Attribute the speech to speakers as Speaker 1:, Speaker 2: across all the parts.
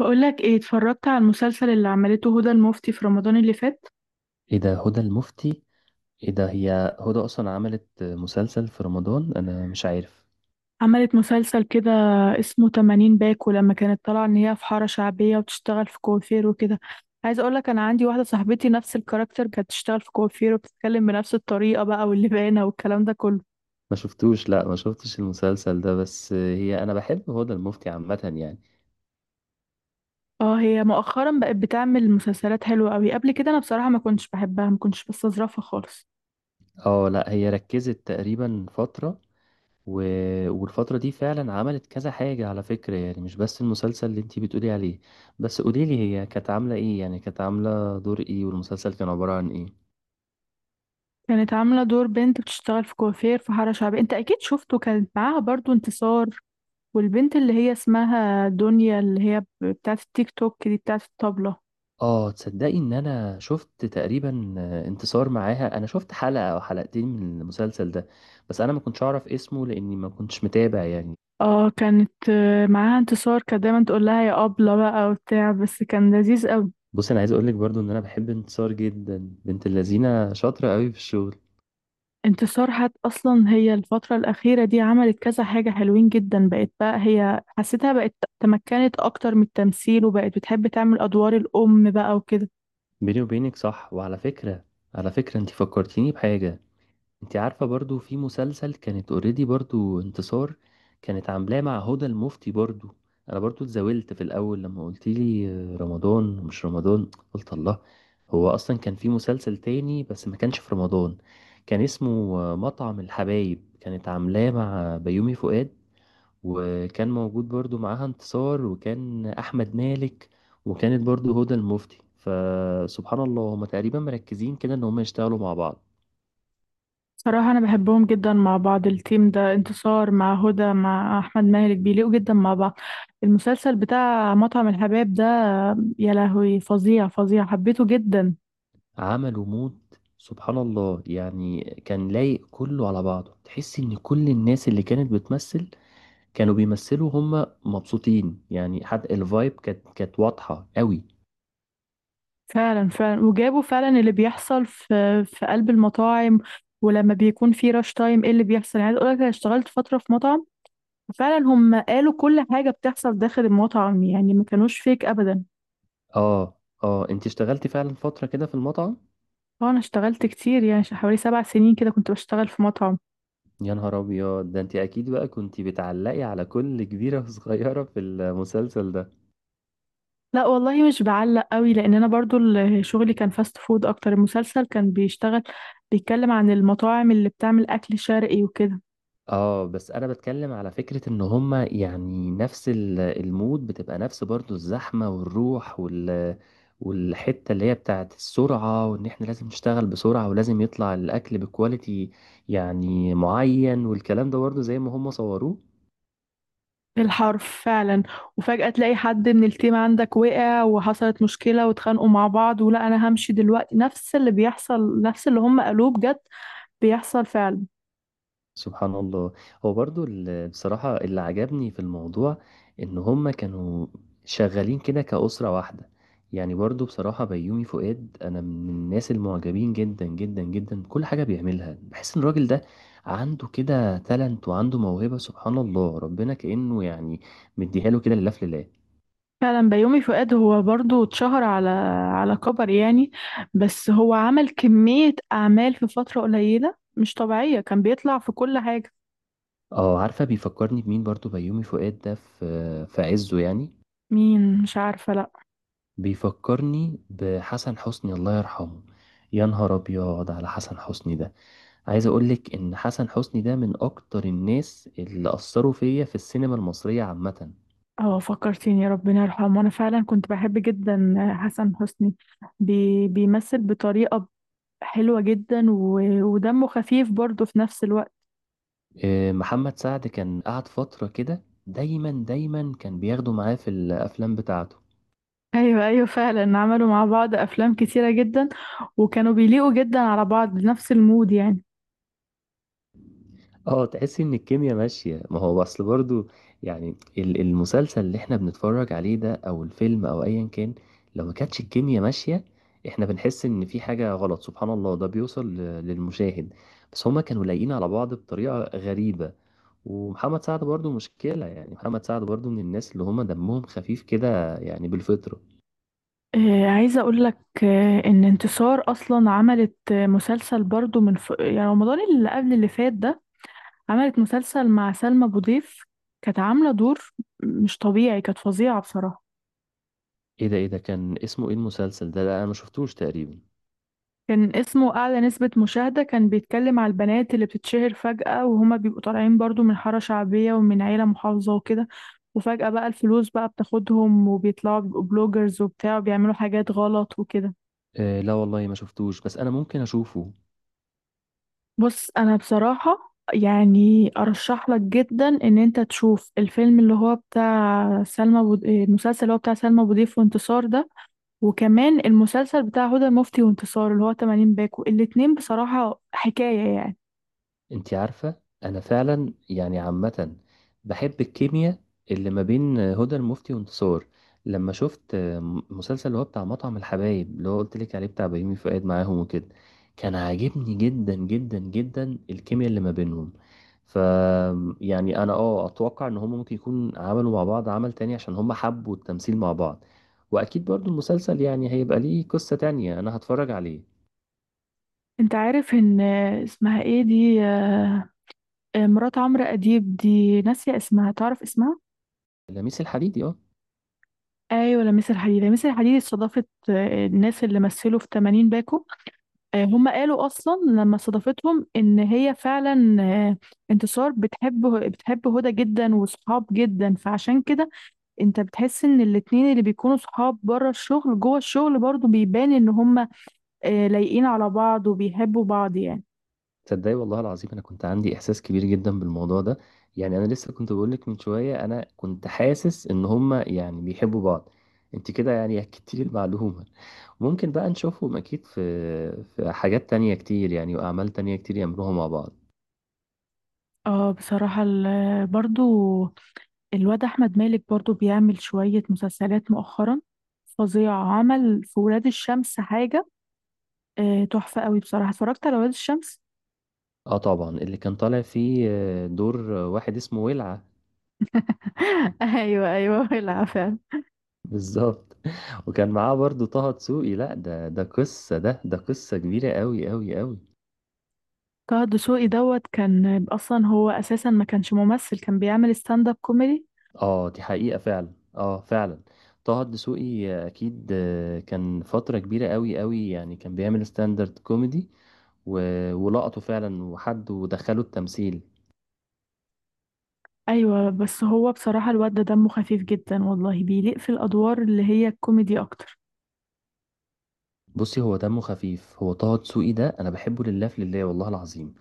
Speaker 1: بقولك ايه، اتفرجت على المسلسل اللي عملته هدى المفتي في رمضان اللي فات؟
Speaker 2: ايه ده هدى المفتي؟ ايه ده هي؟ هدى اصلا عملت مسلسل في رمضان؟ انا مش عارف،
Speaker 1: عملت مسلسل كده اسمه 80 باكو، لما كانت طالعة ان هي في حارة شعبية وبتشتغل في كوافير وكده. عايزة اقولك انا عندي واحدة صاحبتي نفس الكاركتر، كانت بتشتغل في كوافير وبتتكلم بنفس الطريقة بقى، واللبانة والكلام ده كله.
Speaker 2: ما شفتوش. لا ما شفتش المسلسل ده، بس هي انا بحب هدى المفتي عامة يعني.
Speaker 1: اه، هي مؤخرا بقت بتعمل مسلسلات حلوة قوي. قبل كده انا بصراحة ما كنتش بحبها، ما كنتش بستظرفها خالص.
Speaker 2: اه لا هي ركزت تقريبا فترة و... والفترة دي فعلا عملت كذا حاجة على فكرة، يعني مش بس المسلسل اللي انتي بتقولي عليه. بس قوليلي هي كانت عاملة ايه؟ يعني كانت عاملة دور ايه والمسلسل كان عبارة عن ايه؟
Speaker 1: كانت عاملة دور بنت بتشتغل في كوافير في حارة شعبية، انت اكيد شفته، كانت معاها برضو انتصار، والبنت اللي هي اسمها دنيا، اللي هي بتاعة التيك توك دي، بتاعة الطبلة.
Speaker 2: تصدّقي إن أنا شُفت تقريبًا، انتصار معاها، أنا شُفت حلقة أو حلقتين من المسلسل ده، بس أنا ما كنتش أعرف اسمه لإني ما كنتش متابع يعني.
Speaker 1: اه كانت، معاها انتصار، كانت دايما تقول لها يا أبلة بقى وبتاع، بس كان لذيذ قوي.
Speaker 2: بُصّي، أنا عايز أقول لِك برضه إن أنا باحب انتصار جدًا، بنت اللذينة شاطرة أوي في الشغل،
Speaker 1: انتصار حت اصلا هي الفترة الأخيرة دي عملت كذا حاجة حلوين جدا، بقت بقى هي حسيتها بقت تمكنت اكتر من التمثيل، وبقت بتحب تعمل ادوار الأم بقى وكده.
Speaker 2: بيني وبينِك صح. وعلى فكرة، على فكرة أنتِ فكّرتيني بحاجة. انت عارفة برضو في مسلسل كانت اوريدي، برضو انتصار كانت عاملاه مع هدى المفتي برضو. انا برضو اتزاولت في الاول لما قلت لي رمضان ومش رمضان. قلت الله، هو اصلا كان في مسلسل تاني بس ما كانش في رمضان. كان اسمه مطعم الحبايب، كانت عاملاه مع بيومي فؤاد، وكان موجود برضو معاها انتصار، وكان احمد مالك، وكانت برضو هدى المفتي. فسبحان الله هما تقريبا مركزين كده ان هما يشتغلوا مع بعض.
Speaker 1: صراحة أنا بحبهم جدا مع بعض، التيم ده، انتصار مع هدى مع أحمد مالك، بيليقوا جدا مع بعض. المسلسل بتاع مطعم الحباب ده، يا لهوي فظيع فظيع، حبيته جدا.
Speaker 2: عملوا مود، سبحان الله. يعني كان لايق كله على بعضه، تحس ان كل الناس اللي كانت بتمثل كانوا بيمثلوا هم مبسوطين يعني، حتى الفايب كانت واضحة قوي.
Speaker 1: فعلا فعلا، وجابوا فعلا اللي بيحصل في قلب المطاعم، ولما بيكون في راش تايم ايه اللي بيحصل. يعني عايز اقول لك، انا اشتغلت فترة في مطعم، فعلا هم قالوا كل حاجة بتحصل داخل المطعم، يعني ما كانوش فيك أبدا.
Speaker 2: اه. اه انت اشتغلتي فعلا فترة كده في المطعم؟
Speaker 1: اه انا اشتغلت كتير، يعني حوالي 7 سنين كده كنت بشتغل في مطعم.
Speaker 2: يا نهار ابيض، ده انت اكيد بقى كنت بتعلقي على كل كبيرة وصغيرة في المسلسل ده.
Speaker 1: لا والله مش بعلق قوي، لان انا برضو شغلي كان فاست فود اكتر، المسلسل كان بيشتغل بيتكلم عن المطاعم اللي بتعمل اكل شرقي وكده.
Speaker 2: اه بس انا بتكلم على فكرة ان هما يعني نفس المود بتبقى نفس، برضو الزحمة والروح والحتة اللي هي بتاعت السرعة، وان احنا لازم نشتغل بسرعة ولازم يطلع الاكل بكواليتي يعني معين، والكلام ده برضو زي ما هما صوروه.
Speaker 1: بالحرف فعلا. وفجأة تلاقي حد من التيم عندك وقع وحصلت مشكلة واتخانقوا مع بعض، ولا انا همشي دلوقتي، نفس اللي بيحصل، نفس اللي هم قالوه بجد، بيحصل فعلا.
Speaker 2: سبحان الله. هو برضه ال بصراحة اللي عجبني في الموضوع إن هُم كانوا شغّالين كده كأسرة واحدة. يعني برضه بصراحة بيومي فؤاد أنا من الناس المعجبين جدًا، جدًا، جدًا بكل حاجة بيعملها. باحس إن الراجل ده عنده كده talent وعنده موهبة سبحان الله، ربنا كإنه يعني مدّيها له كده لله في لله.
Speaker 1: فعلا بيومي فؤاد هو برضو اتشهر على على كبر يعني، بس هو عمل كمية اعمال في فترة قليلة مش طبيعية، كان بيطلع في كل حاجة.
Speaker 2: عارفة بيفكّرني بمين برضه بيومي فؤاد ده في عِزّه يعني؟
Speaker 1: مين؟ مش عارفة، لأ.
Speaker 2: بيفكرني بحسن حسني، الله يرحمه. يا نهار ابيض على حسن حسني ده، عايز اقولك ان حسن حسني ده من اكتر الناس اللي اثروا فيا في السينما المصرية عامة.
Speaker 1: اه فكرتيني، ربنا يرحمه، أنا فعلا كنت بحب جدا حسن حسني، بيمثل بطريقة حلوة جدا، ودمه خفيف برضه في نفس الوقت.
Speaker 2: محمد سعد كان قعد فترة كده دايما كان بياخده معاه في الافلام بتاعته.
Speaker 1: أيوة أيوة فعلا عملوا مع بعض أفلام كتيرة جدا، وكانوا بيليقوا جدا على بعض بنفس المود يعني.
Speaker 2: اه تحس ان الكيمياء ماشية، ما هو اصل برضو يعني المسلسل اللي احنا بنتفرج عليه ده او الفيلم او ايا كان، لو ما كانتش الكيمياء ماشية احنا بنحس ان في حاجة غلط، سبحان الله ده بيوصل للمشاهد. بس هما كانوا لايقين على بعض بطريقة غريبة. ومحمد سعد برضو مشكلة، يعني محمد سعد برضو من الناس اللي هما دمهم خفيف كده يعني بالفطرة.
Speaker 1: عايزة أقول لك، إن انتصار أصلا عملت، مسلسل برضه من يعني رمضان اللي قبل اللي فات ده، عملت مسلسل مع سلمى أبو ضيف. كانت عاملة دور مش طبيعي، كانت فظيعة بصراحة.
Speaker 2: ايه ده؟ ايه ده كان اسمه ايه المسلسل ده؟ لا انا ما شفتوش تقريبا.
Speaker 1: كان اسمه أعلى نسبة مشاهدة، كان بيتكلم على البنات اللي بتتشهر فجأة، وهما بيبقوا طالعين برضو من حارة شعبية ومن عيلة محافظة وكده، وفجأة بقى الفلوس بقى بتاخدهم وبيطلعوا بيبقوا بلوجرز وبتاع وبيعملوا حاجات غلط وكده.
Speaker 2: آه لا والله ما شفتوش، بس انا ممكن اشوفه.
Speaker 1: بص أنا بصراحة يعني أرشح لك جدا إن أنت تشوف الفيلم اللي هو بتاع سلمى المسلسل اللي هو بتاع سلمى أبو ضيف وانتصار ده، وكمان المسلسل بتاع هدى المفتي وانتصار اللي هو 80 باكو، الاتنين بصراحة حكاية يعني.
Speaker 2: انت عارفة انا فعلا يعني عامة بحب الكيمياء اللي ما بين هدى المفتي وانتصار. لما شفت مسلسل اللي هو بتاع مطعم الحبايب اللي هو قلت لك عليه بتاع بيومي فؤاد معاهم وكده، كان عاجبني جدا جدا جدا الكيمياء اللي ما بينهم. ف يعني انا اه اتوقع ان هم ممكن يكون عملوا مع بعض عمل تاني، عشان هم حبوا التمثيل مع بعض. واكيد برضو المسلسل يعني هيبقى ليه قصة تانية، انا هتفرج عليه.
Speaker 1: انت عارف ان، اسمها ايه دي، مرات عمرو اديب دي، ناسية اسمها، تعرف اسمها؟
Speaker 2: لميس الحديدي، اه.
Speaker 1: ايوه لميس الحديدي. لميس الحديدي استضافت، الناس اللي مثلوا في 80 باكو، هم قالوا اصلا لما استضافتهم ان هي فعلا، انتصار بتحب هدى جدا، وصحاب جدا، فعشان كده انت بتحس ان الاتنين اللي بيكونوا صحاب بره الشغل جوه الشغل برضو بيبان ان هم، لايقين على بعض وبيحبوا بعض يعني.
Speaker 2: تصدقي والله العظيم انا كنت عندي احساس كبير جدا بالموضوع ده. يعني انا لسه كنت بقول لك من شويه انا كنت حاسس ان هما يعني بيحبوا بعض، انت كده يعني اكدتي لي المعلومه. ممكن بقى نشوفهم اكيد في حاجات تانية كتير يعني، واعمال تانية كتير يعملوها مع بعض.
Speaker 1: اه بصراحة برضو الواد أحمد مالك برضو بيعمل شوية مسلسلات مؤخرا فظيعة، عمل في ولاد الشمس حاجة تحفة قوي، بصراحة اتفرجت على ولاد الشمس.
Speaker 2: اه طبعا اللي كان طالع فيه دور واحد اسمه ولعه.
Speaker 1: ايوه ايوه، العفو.
Speaker 2: بالظبط وكان معاه برضو طه دسوقي، لا ده قصه، ده قصه كبيره قوي قوي قوي.
Speaker 1: طه دسوقي دوت كان أصلا، هو أساسا ما كانش ممثل، كان بيعمل ستاند اب كوميدي.
Speaker 2: اه دي حقيقة فعلا. اه فعلا طه الدسوقي اكيد كان فترة كبيرة قوي قوي، يعني كان بيعمل ستاندرد كوميدي ولقطه فعلا وحد ودخله التمثيل.
Speaker 1: أيوة بس هو بصراحة الواد ده دمه خفيف جدا والله، بيليق في الأدوار اللي هي الكوميدي أكتر.
Speaker 2: بصي هو دمه خفيف، هو طه دسوقي ده انا بحبه لله في لله والله العظيم.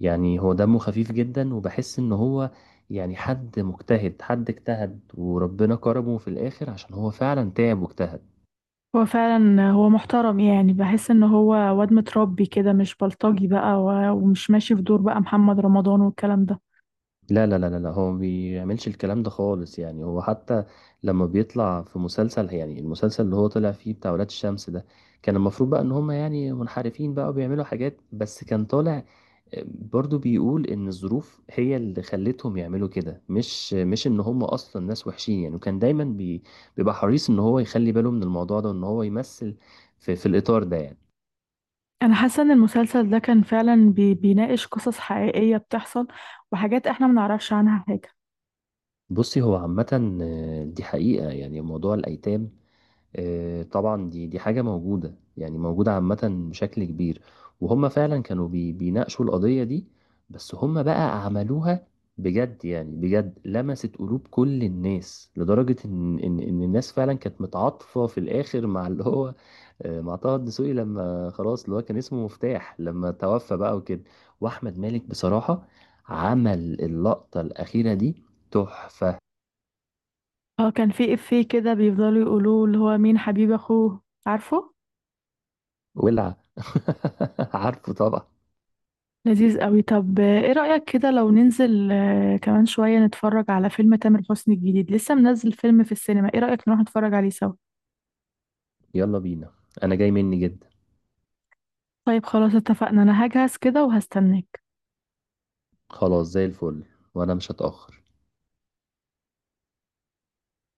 Speaker 2: يعني هو دمه خفيف جدا، وبحس ان هو يعني حد مجتهد، حد اجتهد وربنا كرمه في الاخر عشان هو فعلا تعب واجتهد.
Speaker 1: هو فعلا هو محترم، يعني بحس ان هو واد متربي كده، مش بلطجي بقى، ومش ماشي في دور بقى محمد رمضان والكلام ده.
Speaker 2: لا لا لا لا لا، هو ما بيعملش الكلام ده خالص. يعني هو حتى لما بيطلع في مسلسل، يعني المسلسل اللي هو طلع فيه بتاع ولاد الشمس ده، كان المفروض بقى ان هم يعني منحرفين بقى وبيعملوا حاجات، بس كان طالع برضو بيقول ان الظروف هي اللي خلتهم يعملوا كده، مش ان هم اصلا ناس وحشين يعني. وكان دايما بيبقى حريص ان هو يخلي باله من الموضوع ده، وان هو يمثل في, في الاطار ده يعني.
Speaker 1: انا حاسه ان المسلسل ده كان فعلا بيناقش قصص حقيقيه بتحصل، وحاجات احنا ما نعرفش عنها حاجه.
Speaker 2: بصي هو عامة دي حقيقة، يعني موضوع الأيتام طبعا دي حاجة موجودة، يعني موجودة عامة بشكل كبير. وهم فعلا كانوا بيناقشوا القضية دي، بس هم بقى عملوها بجد. يعني بجد لمست قلوب كل الناس، لدرجة إن الناس فعلا كانت متعاطفة في الآخر مع اللي هو مع طه الدسوقي لما خلاص اللي هو كان اسمه مفتاح لما توفى بقى وكده. وأحمد مالك بصراحة عمل اللقطة الأخيرة دي تحفة.
Speaker 1: اه كان في افيه كده بيفضلوا يقولوه اللي هو مين حبيب اخوه، عارفه؟
Speaker 2: ولع عارفه طبعا.
Speaker 1: لذيذ قوي. طب ايه رايك كده لو ننزل كمان شويه نتفرج على فيلم تامر حسني الجديد، لسه منزل فيلم في السينما، ايه رايك نروح نتفرج عليه سوا؟
Speaker 2: يلا بينا، انا جاي مني جدا.
Speaker 1: طيب خلاص اتفقنا، انا هجهز كده وهستناك.
Speaker 2: خلاص زي الفل، وانا مش هتأخر.